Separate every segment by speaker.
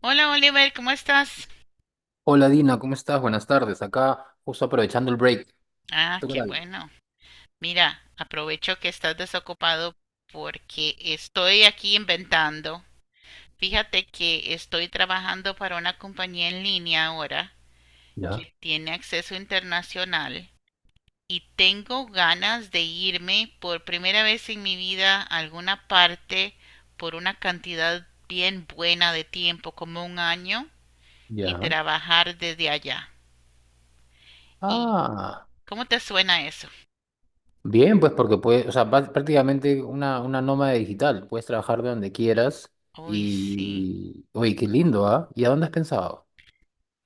Speaker 1: Hola Oliver, ¿cómo estás?
Speaker 2: Hola Dina, ¿cómo estás? Buenas tardes. Acá justo aprovechando el break.
Speaker 1: Ah,
Speaker 2: ¿Tú qué
Speaker 1: qué
Speaker 2: tal?
Speaker 1: bueno. Mira, aprovecho que estás desocupado porque estoy aquí inventando. Fíjate que estoy trabajando para una compañía en línea ahora
Speaker 2: Ya,
Speaker 1: que tiene acceso internacional y tengo ganas de irme por primera vez en mi vida a alguna parte por una cantidad bien buena de tiempo, como un año, y
Speaker 2: ya.
Speaker 1: trabajar desde allá. ¿Y
Speaker 2: Ah,
Speaker 1: cómo te suena eso?
Speaker 2: Bien, pues porque puedes, o sea, prácticamente una nómada digital. Puedes trabajar de donde quieras
Speaker 1: Uy, sí.
Speaker 2: y... Oye, qué lindo, ¿ah? ¿Y a dónde has pensado?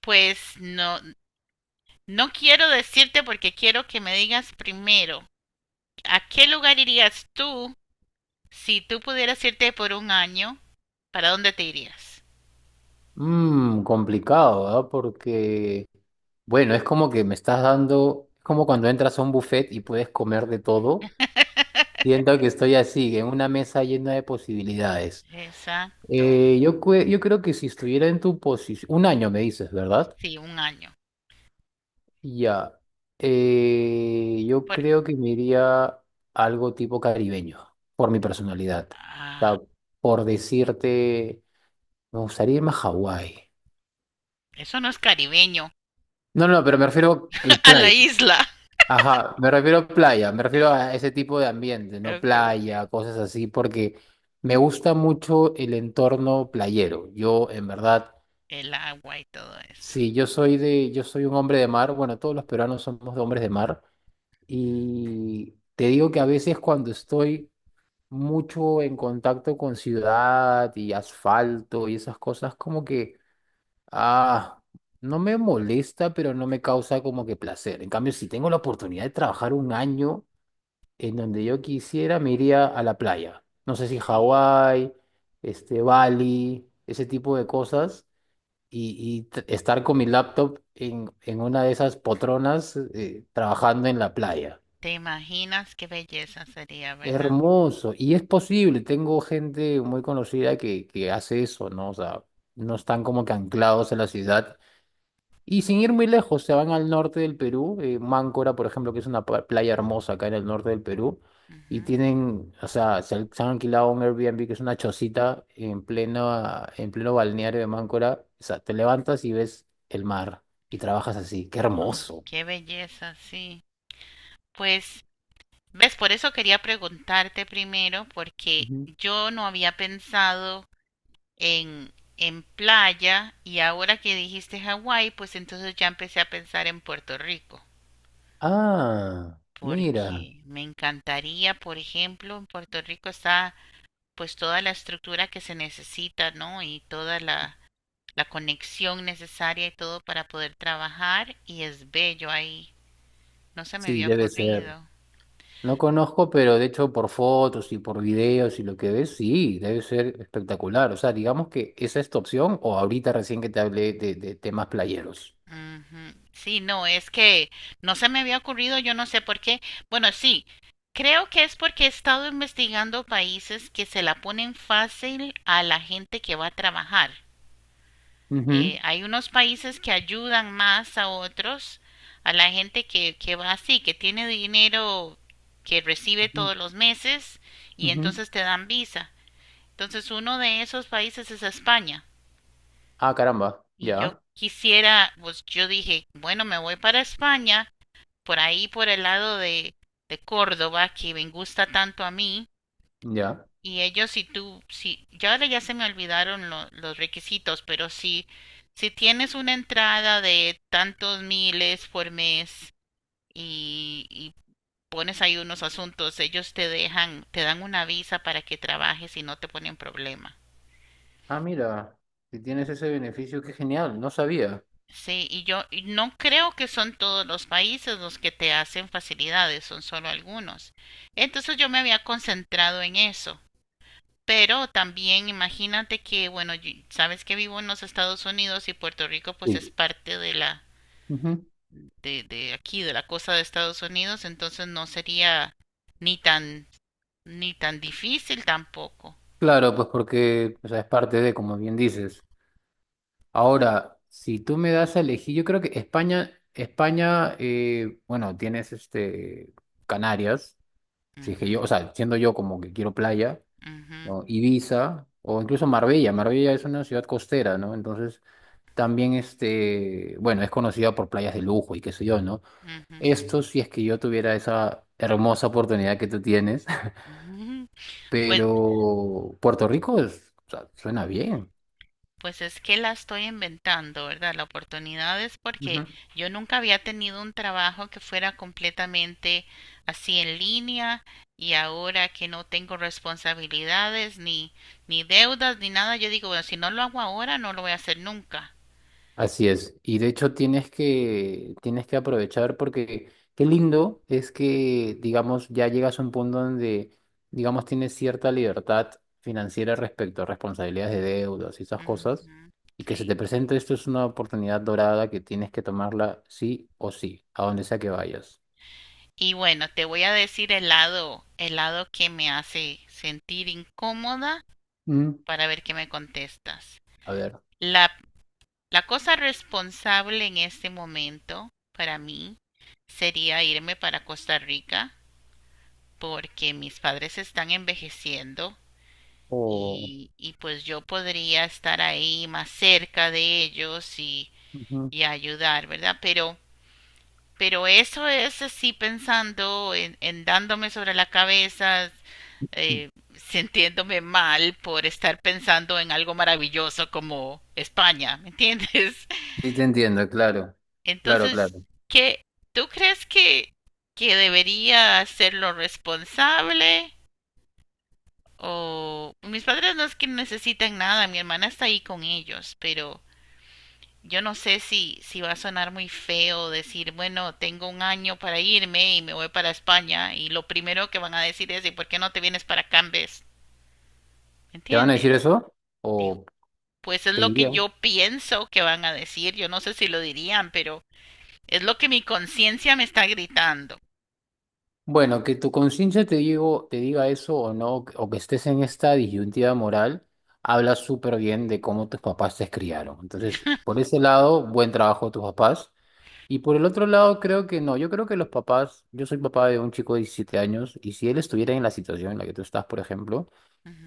Speaker 1: Pues no, no quiero decirte porque quiero que me digas primero, ¿a qué lugar irías tú si tú pudieras irte por un año? ¿Para dónde te irías?
Speaker 2: Mmm, complicado, ¿ah? Porque, bueno, es como que me estás dando, es como cuando entras a un buffet y puedes comer de todo. Siento que estoy así, en una mesa llena de posibilidades.
Speaker 1: Exacto,
Speaker 2: Yo creo que si estuviera en tu posición, un año me dices, ¿verdad?
Speaker 1: sí, un año.
Speaker 2: Ya. Yo
Speaker 1: Por-
Speaker 2: creo que me iría algo tipo caribeño, por mi personalidad. O
Speaker 1: ah,
Speaker 2: sea, por decirte, me gustaría irme a Hawái.
Speaker 1: eso no es caribeño,
Speaker 2: No, no, pero me refiero a
Speaker 1: a la
Speaker 2: playa.
Speaker 1: isla.
Speaker 2: Ajá, me refiero a playa, me refiero a ese tipo de ambiente, no
Speaker 1: Ok, ok.
Speaker 2: playa, cosas así, porque me gusta mucho el entorno playero. Yo, en verdad,
Speaker 1: El agua y todo eso.
Speaker 2: sí, yo soy un hombre de mar. Bueno, todos los peruanos somos de hombres de mar. Y te digo que a veces cuando estoy mucho en contacto con ciudad y asfalto y esas cosas, como que, ah, no me molesta, pero no me causa como que placer. En cambio, si tengo la oportunidad de trabajar un año en donde yo quisiera, me iría a la playa. No sé si
Speaker 1: Sí.
Speaker 2: Hawái, este, Bali, ese tipo de cosas y estar con mi laptop en una de esas potronas trabajando en la playa.
Speaker 1: ¿Te imaginas qué belleza sería, verdad?
Speaker 2: Hermoso. Y es posible, tengo gente muy conocida que hace eso, ¿no? O sea, no están como que anclados en la ciudad y sin ir muy lejos, se van al norte del Perú, Máncora, por ejemplo, que es una playa hermosa acá en el norte del Perú, y
Speaker 1: Ujú.
Speaker 2: tienen, o sea, se han alquilado un Airbnb que es una chocita en pleno balneario de Máncora. O sea, te levantas y ves el mar y trabajas así. ¡Qué
Speaker 1: Ah,
Speaker 2: hermoso!
Speaker 1: qué belleza, sí. Pues, ¿ves? Por eso quería preguntarte primero, porque
Speaker 2: Ujú.
Speaker 1: yo no había pensado en playa, y ahora que dijiste Hawái, pues entonces ya empecé a pensar en Puerto Rico,
Speaker 2: Ah, mira,
Speaker 1: porque me encantaría. Por ejemplo, en Puerto Rico está pues toda la estructura que se necesita, ¿no? Y toda la conexión necesaria y todo para poder trabajar, y es bello ahí. No se me
Speaker 2: sí,
Speaker 1: había
Speaker 2: debe ser.
Speaker 1: ocurrido.
Speaker 2: No conozco, pero de hecho por fotos y por videos y lo que ves, sí, debe ser espectacular. O sea, digamos que esa es tu opción o ahorita recién que te hablé de temas playeros.
Speaker 1: Ujú. Sí, no, es que no se me había ocurrido, yo no sé por qué. Bueno, sí, creo que es porque he estado investigando países que se la ponen fácil a la gente que va a trabajar.
Speaker 2: Ujú,
Speaker 1: Hay unos países que ayudan más a otros, a la gente que va así, que tiene dinero que recibe
Speaker 2: ujú,
Speaker 1: todos los meses, y
Speaker 2: ujú.
Speaker 1: entonces te dan visa. Entonces uno de esos países es España.
Speaker 2: Ah, caramba,
Speaker 1: Y yo
Speaker 2: ya,
Speaker 1: quisiera, pues yo dije, bueno, me voy para España por ahí por el lado de Córdoba, que me gusta tanto a mí.
Speaker 2: ya.
Speaker 1: Y ellos, si tú, si ya ahora ya se me olvidaron los requisitos, pero si si tienes una entrada de tantos miles por mes y pones ahí unos asuntos, ellos te dejan, te dan una visa para que trabajes y no te ponen problema.
Speaker 2: Ah, mira, si tienes ese beneficio, qué genial, no sabía.
Speaker 1: Sí, y yo, y no creo que son todos los países los que te hacen facilidades, son solo algunos, entonces yo me había concentrado en eso. Pero también imagínate que, bueno, sabes que vivo en los Estados Unidos, y Puerto Rico pues es
Speaker 2: Sí.
Speaker 1: parte de la,
Speaker 2: Ujú.
Speaker 1: de aquí, de la cosa de Estados Unidos, entonces no sería ni tan, ni tan difícil tampoco.
Speaker 2: Claro, pues porque o sea, es parte de, como bien dices. Ahora, si tú me das a elegir, yo creo que España, bueno, tienes este... Canarias. Si es que yo, o
Speaker 1: Ujú,
Speaker 2: sea, siendo yo como que quiero playa, ¿no?
Speaker 1: ujú,
Speaker 2: Ibiza o incluso Marbella. Marbella es una ciudad costera, ¿no? Entonces, también este, bueno, es conocida por playas de lujo y qué sé yo, ¿no?
Speaker 1: ujú,
Speaker 2: Esto si es que yo tuviera esa hermosa oportunidad que tú tienes,
Speaker 1: ujú. Pues,
Speaker 2: pero Puerto Rico o sea, suena bien.
Speaker 1: pues es que la estoy inventando, ¿verdad? La oportunidad es porque
Speaker 2: Ujú.
Speaker 1: yo nunca había tenido un trabajo que fuera completamente así en línea, y ahora que no tengo responsabilidades ni deudas ni nada, yo digo, bueno, si no lo hago ahora, no lo voy a hacer nunca.
Speaker 2: Así es. Y de hecho tienes que aprovechar porque qué lindo es que, digamos, ya llegas a un punto donde, digamos, tienes cierta libertad financiera respecto a responsabilidades de deudas y esas cosas.
Speaker 1: Ujú,
Speaker 2: Y que se te
Speaker 1: sí.
Speaker 2: presente esto es una oportunidad dorada que tienes que tomarla sí o sí, a donde sea que vayas.
Speaker 1: Y bueno, te voy a decir el lado que me hace sentir incómoda
Speaker 2: Mm.
Speaker 1: para ver qué me contestas.
Speaker 2: A ver.
Speaker 1: La La cosa responsable en este momento para mí sería irme para Costa Rica porque mis padres están envejeciendo
Speaker 2: O
Speaker 1: y pues yo podría estar ahí más cerca de ellos
Speaker 2: ujú.
Speaker 1: y ayudar, ¿verdad? Pero eso es así pensando en dándome sobre la cabeza, eh, sintiéndome mal por estar pensando en algo maravilloso como España, ¿me entiendes?
Speaker 2: Sí, te entiendo, claro. Claro,
Speaker 1: Entonces,
Speaker 2: claro.
Speaker 1: ¿qué, tú crees que debería hacerlo responsable. O mis padres, no es que necesitan nada, mi hermana está ahí con ellos, pero yo no sé si, si va a sonar muy feo decir, bueno, tengo un año para irme y me voy para España, y lo primero que van a decir es, ¿y por qué no te vienes para acá en vez? ¿Me
Speaker 2: ¿Te van a decir
Speaker 1: entiendes?
Speaker 2: eso?
Speaker 1: Digo,
Speaker 2: ¿O
Speaker 1: pues es
Speaker 2: te
Speaker 1: lo que
Speaker 2: dirían?
Speaker 1: yo pienso que van a decir, yo no sé si lo dirían, pero es lo que mi conciencia me está gritando.
Speaker 2: Bueno, que tu conciencia te diga eso o no, o que estés en esta disyuntiva moral, habla súper bien de cómo tus papás te criaron. Entonces, por ese lado, buen trabajo de tus papás. Y por el otro lado, creo que no. Yo creo que los papás, yo soy papá de un chico de 17 años, y si él estuviera en la situación en la que tú estás, por ejemplo,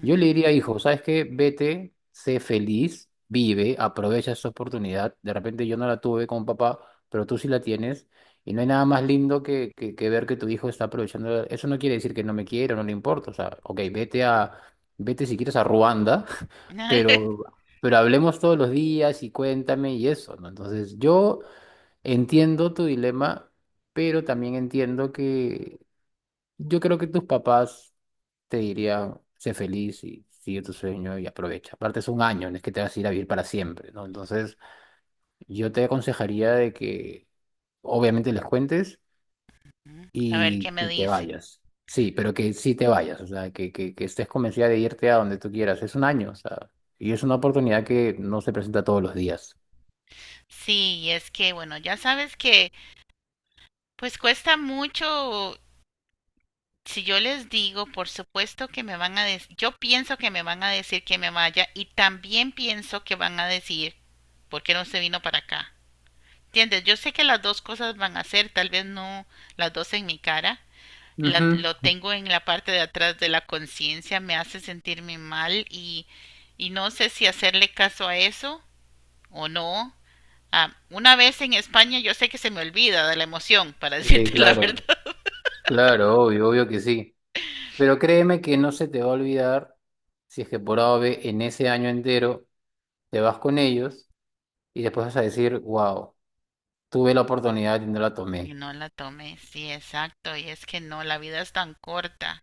Speaker 2: yo le diría, hijo, ¿sabes qué? Vete, sé feliz, vive, aprovecha esa oportunidad. De repente yo no la tuve con papá, pero tú sí la tienes. Y no hay nada más lindo que ver que tu hijo está aprovechando. Eso no quiere decir que no me quiera, no le importa. O sea, ok, vete si quieres a Ruanda, pero, pero hablemos todos los días y cuéntame y eso, ¿no? Entonces, yo entiendo tu dilema, pero también entiendo yo creo que tus papás te dirían, sé feliz y sigue tu sueño y aprovecha. Aparte es un año, no es que te vas a ir a vivir para siempre, ¿no? Entonces yo te aconsejaría de que obviamente les cuentes
Speaker 1: A ver qué me
Speaker 2: y te
Speaker 1: dicen.
Speaker 2: vayas. Sí, pero que sí te vayas, o sea, que estés convencida de irte a donde tú quieras. Es un año, o sea, y es una oportunidad que no se presenta todos los días.
Speaker 1: Sí, es que, bueno, ya sabes que pues cuesta mucho. Si yo les digo, por supuesto que me van a decir, yo pienso que me van a decir que me vaya, y también pienso que van a decir, ¿por qué no se vino para acá? ¿Entiendes? Yo sé que las dos cosas van a ser, tal vez no las dos en mi cara.
Speaker 2: Ujú.
Speaker 1: Lo tengo en la parte de atrás de la conciencia, me hace sentirme mal, y no sé si hacerle caso a eso o no. Ah, una vez en España yo sé que se me olvida de la emoción, para
Speaker 2: Sí,
Speaker 1: decirte la verdad.
Speaker 2: claro, obvio que sí. Pero créeme que no se te va a olvidar si es que por A o B en ese año entero te vas con ellos y después vas a decir, wow, tuve la oportunidad y no la tomé.
Speaker 1: Y no la tomé, sí, exacto. Y es que no, la vida es tan corta.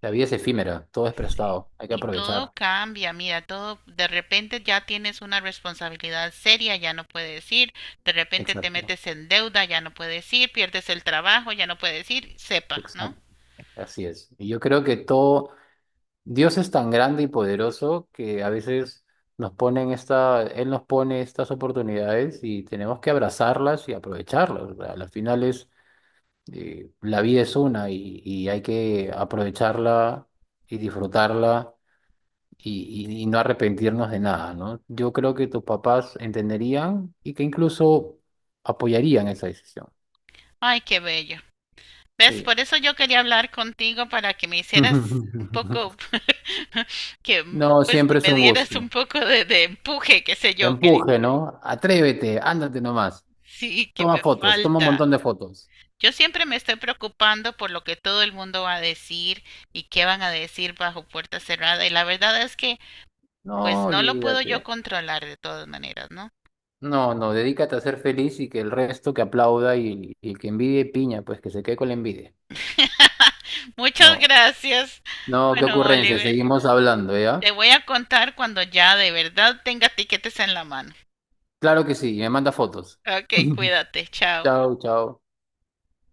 Speaker 2: La vida es efímera, todo es
Speaker 1: Sí.
Speaker 2: prestado, hay que
Speaker 1: Y todo
Speaker 2: aprovechar.
Speaker 1: cambia, mira, todo. De repente ya tienes una responsabilidad seria, ya no puedes ir, de repente te
Speaker 2: Exacto,
Speaker 1: metes en deuda, ya no puedes ir, pierdes el trabajo, ya no puedes ir, sepa, ¿no?
Speaker 2: exacto, así es. Y yo creo que todo, Dios es tan grande y poderoso que a veces Él nos pone estas oportunidades y tenemos que abrazarlas y aprovecharlas. O sea, al final es la vida es una y hay que aprovecharla y disfrutarla y no arrepentirnos de nada, ¿no? Yo creo que tus papás entenderían y que incluso apoyarían esa decisión.
Speaker 1: Ay, qué bello. ¿Ves?
Speaker 2: Sí.
Speaker 1: Por eso yo quería hablar contigo para que me hicieras un poco que
Speaker 2: No,
Speaker 1: pues que
Speaker 2: siempre es
Speaker 1: me
Speaker 2: un
Speaker 1: dieras un
Speaker 2: gusto.
Speaker 1: poco de empuje, qué sé
Speaker 2: Te
Speaker 1: yo, que
Speaker 2: empuje, ¿no? Atrévete, ándate nomás.
Speaker 1: sí, que
Speaker 2: Toma
Speaker 1: me
Speaker 2: fotos, toma un
Speaker 1: falta.
Speaker 2: montón de fotos.
Speaker 1: Yo siempre me estoy preocupando por lo que todo el mundo va a decir, y qué van a decir bajo puerta cerrada. Y la verdad es que
Speaker 2: No,
Speaker 1: pues no lo puedo yo
Speaker 2: olvídate.
Speaker 1: controlar de todas maneras, ¿no?
Speaker 2: No, no, dedícate a ser feliz y que el resto que aplauda y el que envidie piña, pues que se quede con la envidia.
Speaker 1: Muchas
Speaker 2: No.
Speaker 1: gracias.
Speaker 2: No, qué
Speaker 1: Bueno,
Speaker 2: ocurrencia,
Speaker 1: Oliver,
Speaker 2: seguimos hablando,
Speaker 1: te
Speaker 2: ¿ya?
Speaker 1: voy a contar cuando ya de verdad tenga tiquetes en la mano.
Speaker 2: Claro que sí, me manda fotos.
Speaker 1: Ok, cuídate, chao.
Speaker 2: Chao, chao.